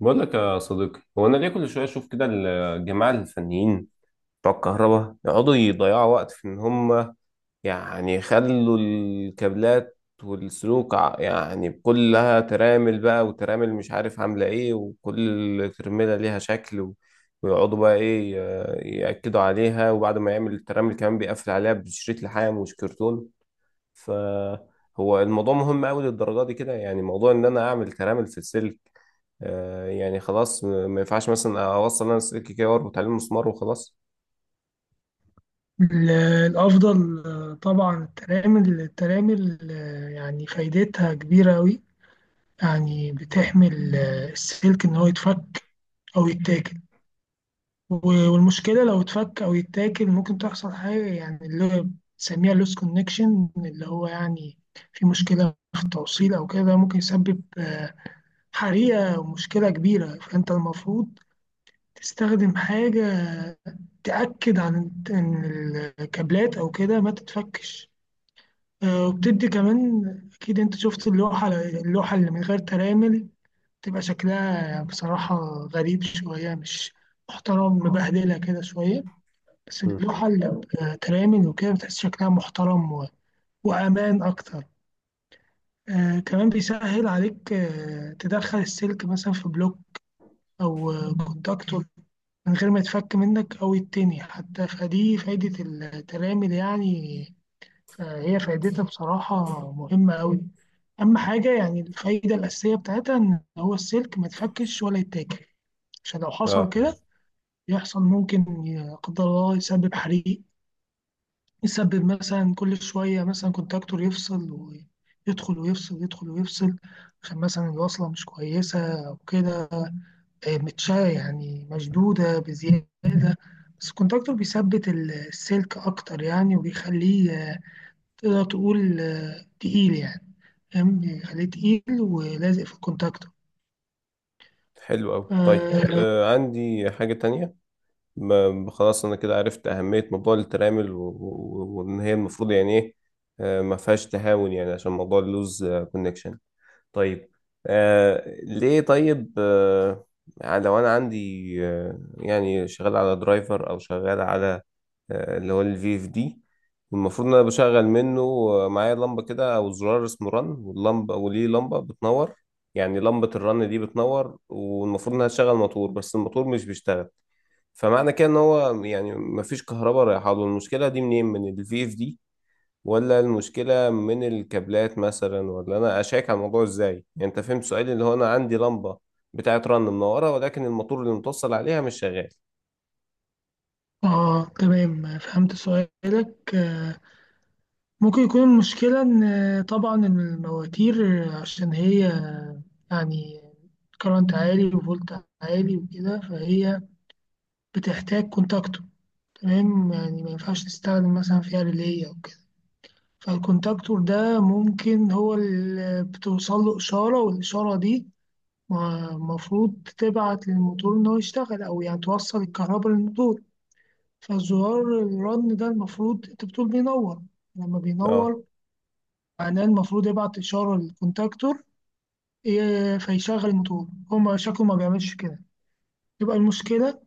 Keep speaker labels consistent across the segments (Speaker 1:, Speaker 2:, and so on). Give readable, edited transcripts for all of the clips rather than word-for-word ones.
Speaker 1: بقول لك يا صديقي، هو انا ليه كل شويه اشوف كده الجماعه الفنيين بتوع الكهرباء يقعدوا يضيعوا وقت في ان هم يعني يخلوا الكابلات والسلوك، يعني كلها ترامل بقى وترامل، مش عارف عامله ايه، وكل ترميله ليها شكل ويقعدوا بقى ايه، ياكدوا عليها. وبعد ما يعمل الترامل كمان بيقفل عليها بشريط لحام مش كرتون. فهو الموضوع مهم قوي للدرجه دي كده يعني؟ موضوع ان انا اعمل ترامل في السلك، آه يعني خلاص، ما ينفعش مثلا اوصل انا سلك كده واربط عليه المسمار وخلاص؟
Speaker 2: ال- الأفضل، طبعا الترامل يعني فايدتها كبيرة أوي. يعني بتحمي السلك إن هو يتفك أو يتاكل. والمشكلة لو اتفك أو يتاكل ممكن تحصل حاجة، يعني اللي بنسميها لوس كونكشن، اللي هو يعني في مشكلة في التوصيل أو كده، ممكن يسبب حريقة ومشكلة كبيرة. فأنت المفروض تستخدم حاجة تأكد عن إن الكابلات أو كده ما تتفكش. وبتدي كمان، أكيد أنت شفت اللوحة اللي من غير ترامل تبقى شكلها بصراحة غريب شوية، مش محترم، مبهدلة كده شوية. بس
Speaker 1: مم.
Speaker 2: اللوحة اللي بترامل وكده بتحس شكلها محترم وأمان أكتر. كمان بيسهل عليك تدخل السلك مثلا في بلوك أو كونتاكتور من غير ما يتفك منك أو يتني حتى، فدي فايدة الترامل يعني. فهي فايدتها بصراحة مهمة أوي. أهم حاجة يعني الفايدة الأساسية بتاعتها إن هو السلك ما يتفكش ولا يتاكل، عشان لو حصل
Speaker 1: اه،
Speaker 2: كده يحصل ممكن لا قدر الله يسبب حريق، يسبب مثلا كل شوية مثلا كونتاكتور يفصل ويدخل ويفصل، يدخل ويفصل، عشان مثلا الوصلة مش كويسة أو كده، متشا يعني مشدودة بزيادة. بس الكونتاكتور بيثبت السلك أكتر يعني، وبيخليه تقدر تقول تقيل يعني. فاهم، بيخليه تقيل ولازق في الكونتاكتور.
Speaker 1: حلو قوي. طيب،
Speaker 2: حلو.
Speaker 1: عندي حاجة تانية. خلاص انا كده عرفت اهمية موضوع الترامل، وان هي المفروض يعني ايه، آه ما فيهاش تهاون، يعني عشان موضوع اللوز كونكشن. طيب، ليه؟ طيب، يعني لو انا عندي، يعني شغال على درايفر او شغال على اللي هو الفي اف دي، المفروض ان انا بشغل منه معايا لمبه كده او زرار اسمه رن، واللمبه، وليه لمبه بتنور. يعني لمبه الرن دي بتنور والمفروض انها تشغل موتور، بس الموتور مش بيشتغل. فمعنى كده ان هو يعني مفيش كهرباء رايحه له. المشكله دي منين، من الفي اف دي ولا المشكلة من الكابلات مثلا؟ ولا أنا أشيك على الموضوع إزاي؟ يعني أنت فهمت سؤالي، اللي هو أنا عندي لمبة بتاعت رن منورة، ولكن الموتور اللي متوصل عليها مش شغال.
Speaker 2: اه، تمام، فهمت سؤالك. ممكن يكون المشكلة إن طبعا إن المواتير، عشان هي يعني كرنت عالي وفولت عالي وكده، فهي بتحتاج كونتاكتور. تمام يعني ما ينفعش تستخدم مثلا فيها ريلي أو كده. فالكونتاكتور ده ممكن هو اللي بتوصل له إشارة، والإشارة دي المفروض تبعت للموتور إن هو يشتغل، أو يعني توصل الكهرباء للموتور. فزرار الرن ده المفروض أنت بتقول بينور. لما
Speaker 1: أه،
Speaker 2: بينور معناه المفروض يبعت إشارة للكونتاكتور فيشغل الموتور. هو ما شكله ما بيعملش كده، تبقى المشكلة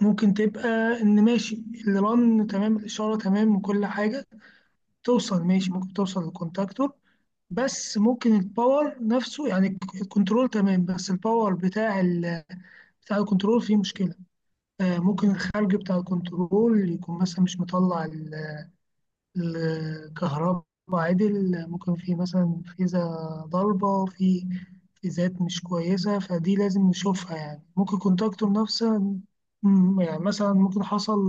Speaker 2: ممكن تبقى إن ماشي الرن تمام، الإشارة تمام، وكل حاجة توصل ماشي، ممكن توصل للكونتاكتور. بس ممكن الباور نفسه، يعني الكنترول تمام، بس الباور بتاع ال بتاع الكنترول فيه مشكلة. ممكن الخارج بتاع الكنترول يكون مثلا مش مطلع الكهرباء عدل. ممكن في مثلا فيزا ضربة، في فيزات مش كويسة، فدي لازم نشوفها. يعني ممكن كونتاكتور نفسه، يعني مثلا ممكن حصل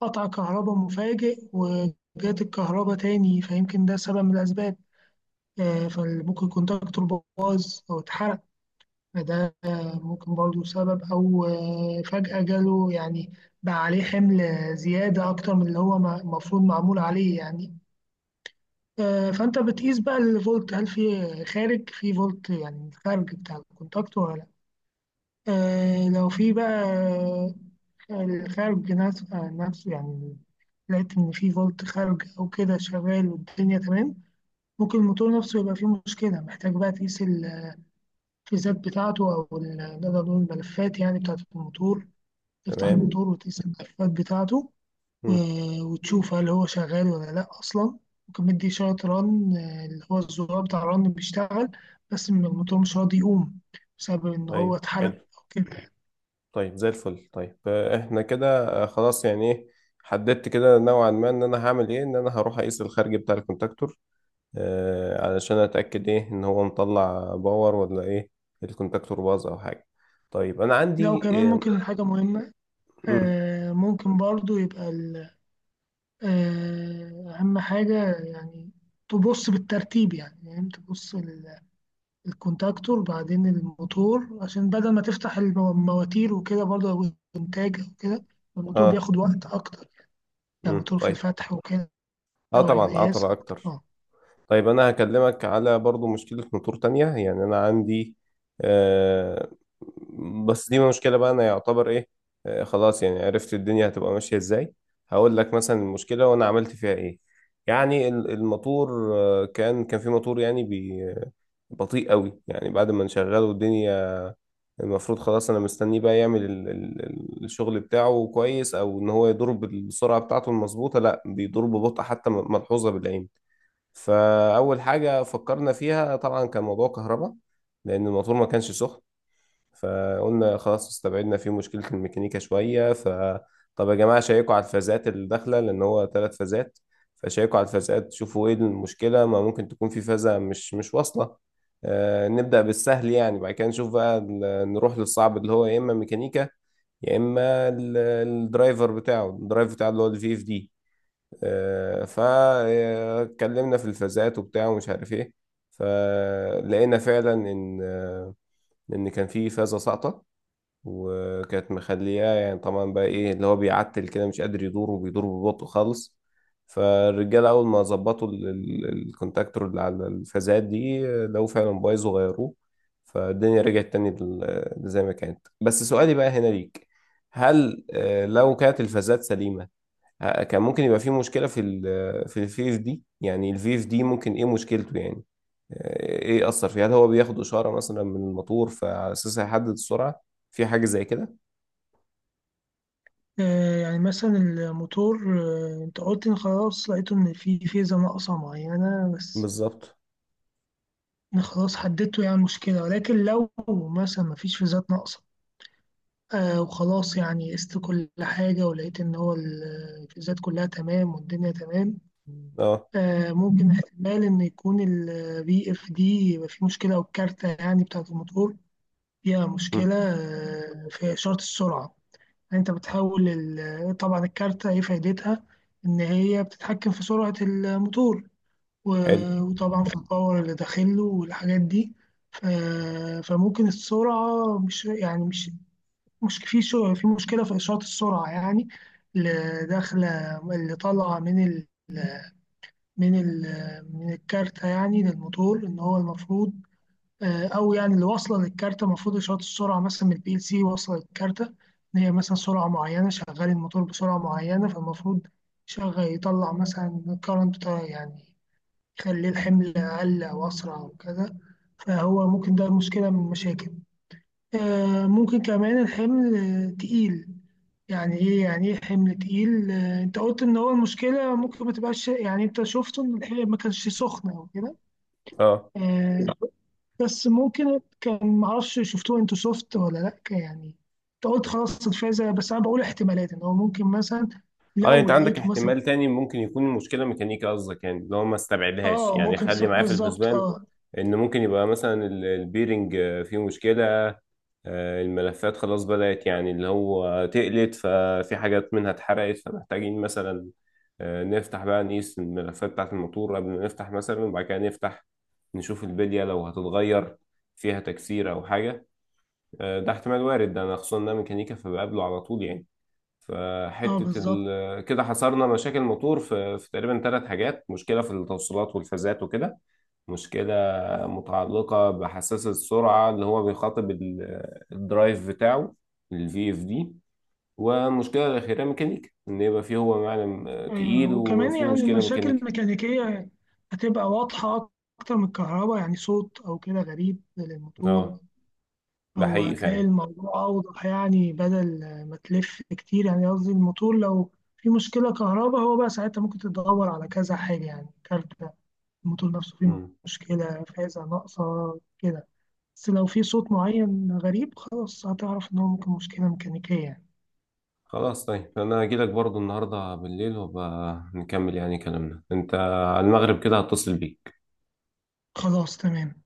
Speaker 2: قطع كهرباء مفاجئ وجات الكهرباء تاني، فيمكن ده سبب من الأسباب. فممكن كونتاكتور باظ أو اتحرق، فده ممكن برضو سبب. أو فجأة جاله يعني بقى عليه حمل زيادة أكتر من اللي هو المفروض معمول عليه يعني. فأنت بتقيس بقى الفولت، هل في خارج، في فولت يعني الخارج بتاع الكونتاكت، ولا لأ. لو في بقى الخارج نفسه يعني، لقيت إن في فولت خارج أو كده شغال والدنيا تمام، ممكن الموتور نفسه يبقى فيه مشكلة، محتاج بقى تقيس الفيزات بتاعته، أو نقدر نقول الملفات يعني بتاعة الموتور، تفتح
Speaker 1: تمام.
Speaker 2: الموتور وتقيس الملفات بتاعته
Speaker 1: مم.
Speaker 2: وتشوف هل هو شغال ولا لأ أصلا. ممكن مدي إشارة رن، اللي هو الزرار بتاع الرن بيشتغل، بس الموتور مش راضي يقوم بسبب إن هو
Speaker 1: أيوه،
Speaker 2: اتحرق
Speaker 1: حلو.
Speaker 2: أو كده.
Speaker 1: طيب، زي الفل. طيب، إحنا كده خلاص، يعني إيه، حددت كده نوعا ما إن أنا هعمل إيه. إن أنا هروح أقيس الخارج بتاع الكونتاكتور علشان أتأكد إيه، إن هو مطلع باور ولا إيه، الكونتاكتور باظ أو حاجة. طيب أنا
Speaker 2: لو
Speaker 1: عندي
Speaker 2: كمان ممكن حاجة مهمة،
Speaker 1: مم.
Speaker 2: ممكن برضو يبقى أهم حاجة يعني تبص بالترتيب، يعني تبص الكونتاكتور بعدين الموتور، عشان بدل ما تفتح المواتير وكده برضه، أو الإنتاج أو كده، الموتور
Speaker 1: آه
Speaker 2: بياخد وقت أكتر يعني،
Speaker 1: مم.
Speaker 2: الموتور في
Speaker 1: طيب.
Speaker 2: الفتح وكده
Speaker 1: اه، طبعا،
Speaker 2: والقياس
Speaker 1: عطلة
Speaker 2: أكتر.
Speaker 1: اكتر. طيب، انا هكلمك على برضو مشكلة موتور تانية. يعني انا عندي آه بس دي مشكلة، بقى انا يعتبر ايه، آه خلاص يعني عرفت الدنيا هتبقى ماشية ازاي. هقول لك مثلا المشكلة وانا عملت فيها ايه. يعني الموتور كان في موتور يعني بطيء قوي. يعني بعد ما نشغله، الدنيا المفروض خلاص انا مستنيه بقى يعمل الشغل بتاعه كويس، او ان هو يدور بالسرعة بتاعته المظبوطة، لا بيدور ببطء حتى ملحوظة بالعين. فأول حاجة فكرنا فيها طبعا كان موضوع كهرباء، لأن الموتور ما كانش سخن. فقلنا خلاص، استبعدنا فيه مشكلة الميكانيكا شوية. فطب يا جماعة شيكوا على الفازات اللي داخلة، لأن هو ثلاث فازات. فشيكوا على الفازات شوفوا إيه المشكلة، ما ممكن تكون في فازة مش واصلة. نبدأ بالسهل يعني، بعد كده نشوف بقى نروح للصعب، اللي هو يا إما ميكانيكا، يا إما الدرايفر بتاعه، الدرايف بتاعه اللي هو الفي اف دي. فاتكلمنا في الفازات وبتاع ومش عارف ايه. فلقينا فعلا ان كان في فازه ساقطه، وكانت مخلياه. يعني طبعا بقى ايه اللي هو بيعتل كده، مش قادر يدور وبيدور ببطء خالص. فالرجاله اول ما ظبطوا الكونتاكتور اللي على الفازات دي لو فعلا بايظ، وغيروه، فالدنيا رجعت تاني زي ما كانت. بس سؤالي بقى هنا ليك، هل لو كانت الفازات سليمة، كان ممكن يبقى في مشكلة في الفي اف دي؟ يعني الفي اف دي ممكن ايه مشكلته يعني؟ ايه أثر فيه، هل هو بياخد إشارة مثلا من الموتور فعلى أساسها يحدد السرعة، في حاجة زي كده؟
Speaker 2: يعني مثلا الموتور، أنت قلت إن خلاص لقيته إن في فيزا ناقصة معينة بس.
Speaker 1: بالظبط،
Speaker 2: أنا خلاص حددته يعني المشكلة، ولكن لو مثلا مفيش فيزات ناقصة، وخلاص يعني قست كل حاجة ولقيت إن هو الفيزات كلها تمام والدنيا تمام،
Speaker 1: اه.
Speaker 2: ممكن احتمال إن يكون البي اف دي يبقى فيه مشكلة، أو الكارتة يعني بتاعة الموتور فيها مشكلة
Speaker 1: مم.
Speaker 2: في إشارة السرعة. يعني أنت بتحول طبعا الكارتة إيه فايدتها؟ إن هي بتتحكم في سرعة الموتور
Speaker 1: حلو.
Speaker 2: وطبعا في الباور اللي داخله والحاجات دي. ف- فممكن السرعة مش يعني مش مش في مشكلة في إشارة السرعة، يعني اللي داخلة، اللي طالعة من من الكارتة يعني للموتور، ان هو المفروض او يعني اللي واصله للكارتة، المفروض اشارات السرعه مثلا من البي ال سي واصله للكارتة ان هي مثلا سرعه معينه، شغال الموتور بسرعه معينه، فالمفروض شغال يطلع مثلا كارنت بتاع يعني يخلي الحمل اقل او اسرع او كده، فهو ممكن ده مشكله من المشاكل. ممكن كمان الحمل تقيل. يعني ايه حمل تقيل. انت قلت ان هو المشكله ممكن ما تبقاش، يعني انت شفته ان الحمل ما كانش سخن او كده.
Speaker 1: اه،
Speaker 2: آه، بس ممكن كان ما اعرفش، شفتوه انتوا سوفت ولا لا يعني. انت قلت خلاص الفازه، بس انا بقول احتمالات ان هو ممكن مثلا
Speaker 1: اه،
Speaker 2: لو
Speaker 1: انت عندك
Speaker 2: لقيته مثلا.
Speaker 1: احتمال تاني، ممكن يكون المشكلة ميكانيكا، قصدك يعني اللي هو ما استبعدهاش
Speaker 2: اه،
Speaker 1: يعني،
Speaker 2: ممكن
Speaker 1: خلي معاه في
Speaker 2: بالظبط.
Speaker 1: الحسبان،
Speaker 2: اه.
Speaker 1: ان ممكن يبقى مثلا البيرنج فيه مشكلة. الملفات خلاص بدأت يعني اللي هو تقلت، ففي حاجات منها اتحرقت، فمحتاجين مثلا نفتح بقى نقيس الملفات بتاعة الموتور قبل ما نفتح، مثلا وبعد كده نفتح نشوف البلية لو هتتغير، فيها تكسير أو حاجة. ده احتمال وارد، ده أنا خصوصا إن أنا ميكانيكا فبقابله على طول يعني.
Speaker 2: اه
Speaker 1: فحتة
Speaker 2: بالظبط.
Speaker 1: كده حصرنا مشاكل موتور في، تقريبا ثلاث حاجات: مشكلة في التوصيلات والفازات وكده، مشكلة متعلقة بحساس السرعة اللي هو بيخاطب الدرايف بتاعه الفي اف دي، ومشكلة الأخيرة ميكانيكا، إن يبقى فيه هو معلم تقيل
Speaker 2: وكمان
Speaker 1: وفيه
Speaker 2: يعني
Speaker 1: مشكلة
Speaker 2: المشاكل
Speaker 1: ميكانيكا.
Speaker 2: الميكانيكية هتبقى واضحة أكتر من الكهرباء، يعني صوت أو كده غريب للموتور.
Speaker 1: اه، ده
Speaker 2: أو
Speaker 1: حقيقي
Speaker 2: هتلاقي
Speaker 1: فعلا.
Speaker 2: الموضوع أوضح يعني، بدل ما تلف كتير، يعني قصدي الموتور لو في مشكلة كهرباء هو بقى ساعتها ممكن تدور على كذا حاجة، يعني كارتة الموتور نفسه فيه
Speaker 1: مم.
Speaker 2: مشكلة، فازة ناقصة، كده. بس لو في صوت معين غريب خلاص هتعرف إن هو ممكن مشكلة ميكانيكية يعني.
Speaker 1: خلاص. طيب أنا هجيلك برضو النهاردة بالليل وبقى نكمل يعني كلامنا. أنت على المغرب كده هتصل بيك.
Speaker 2: خلاص تمام.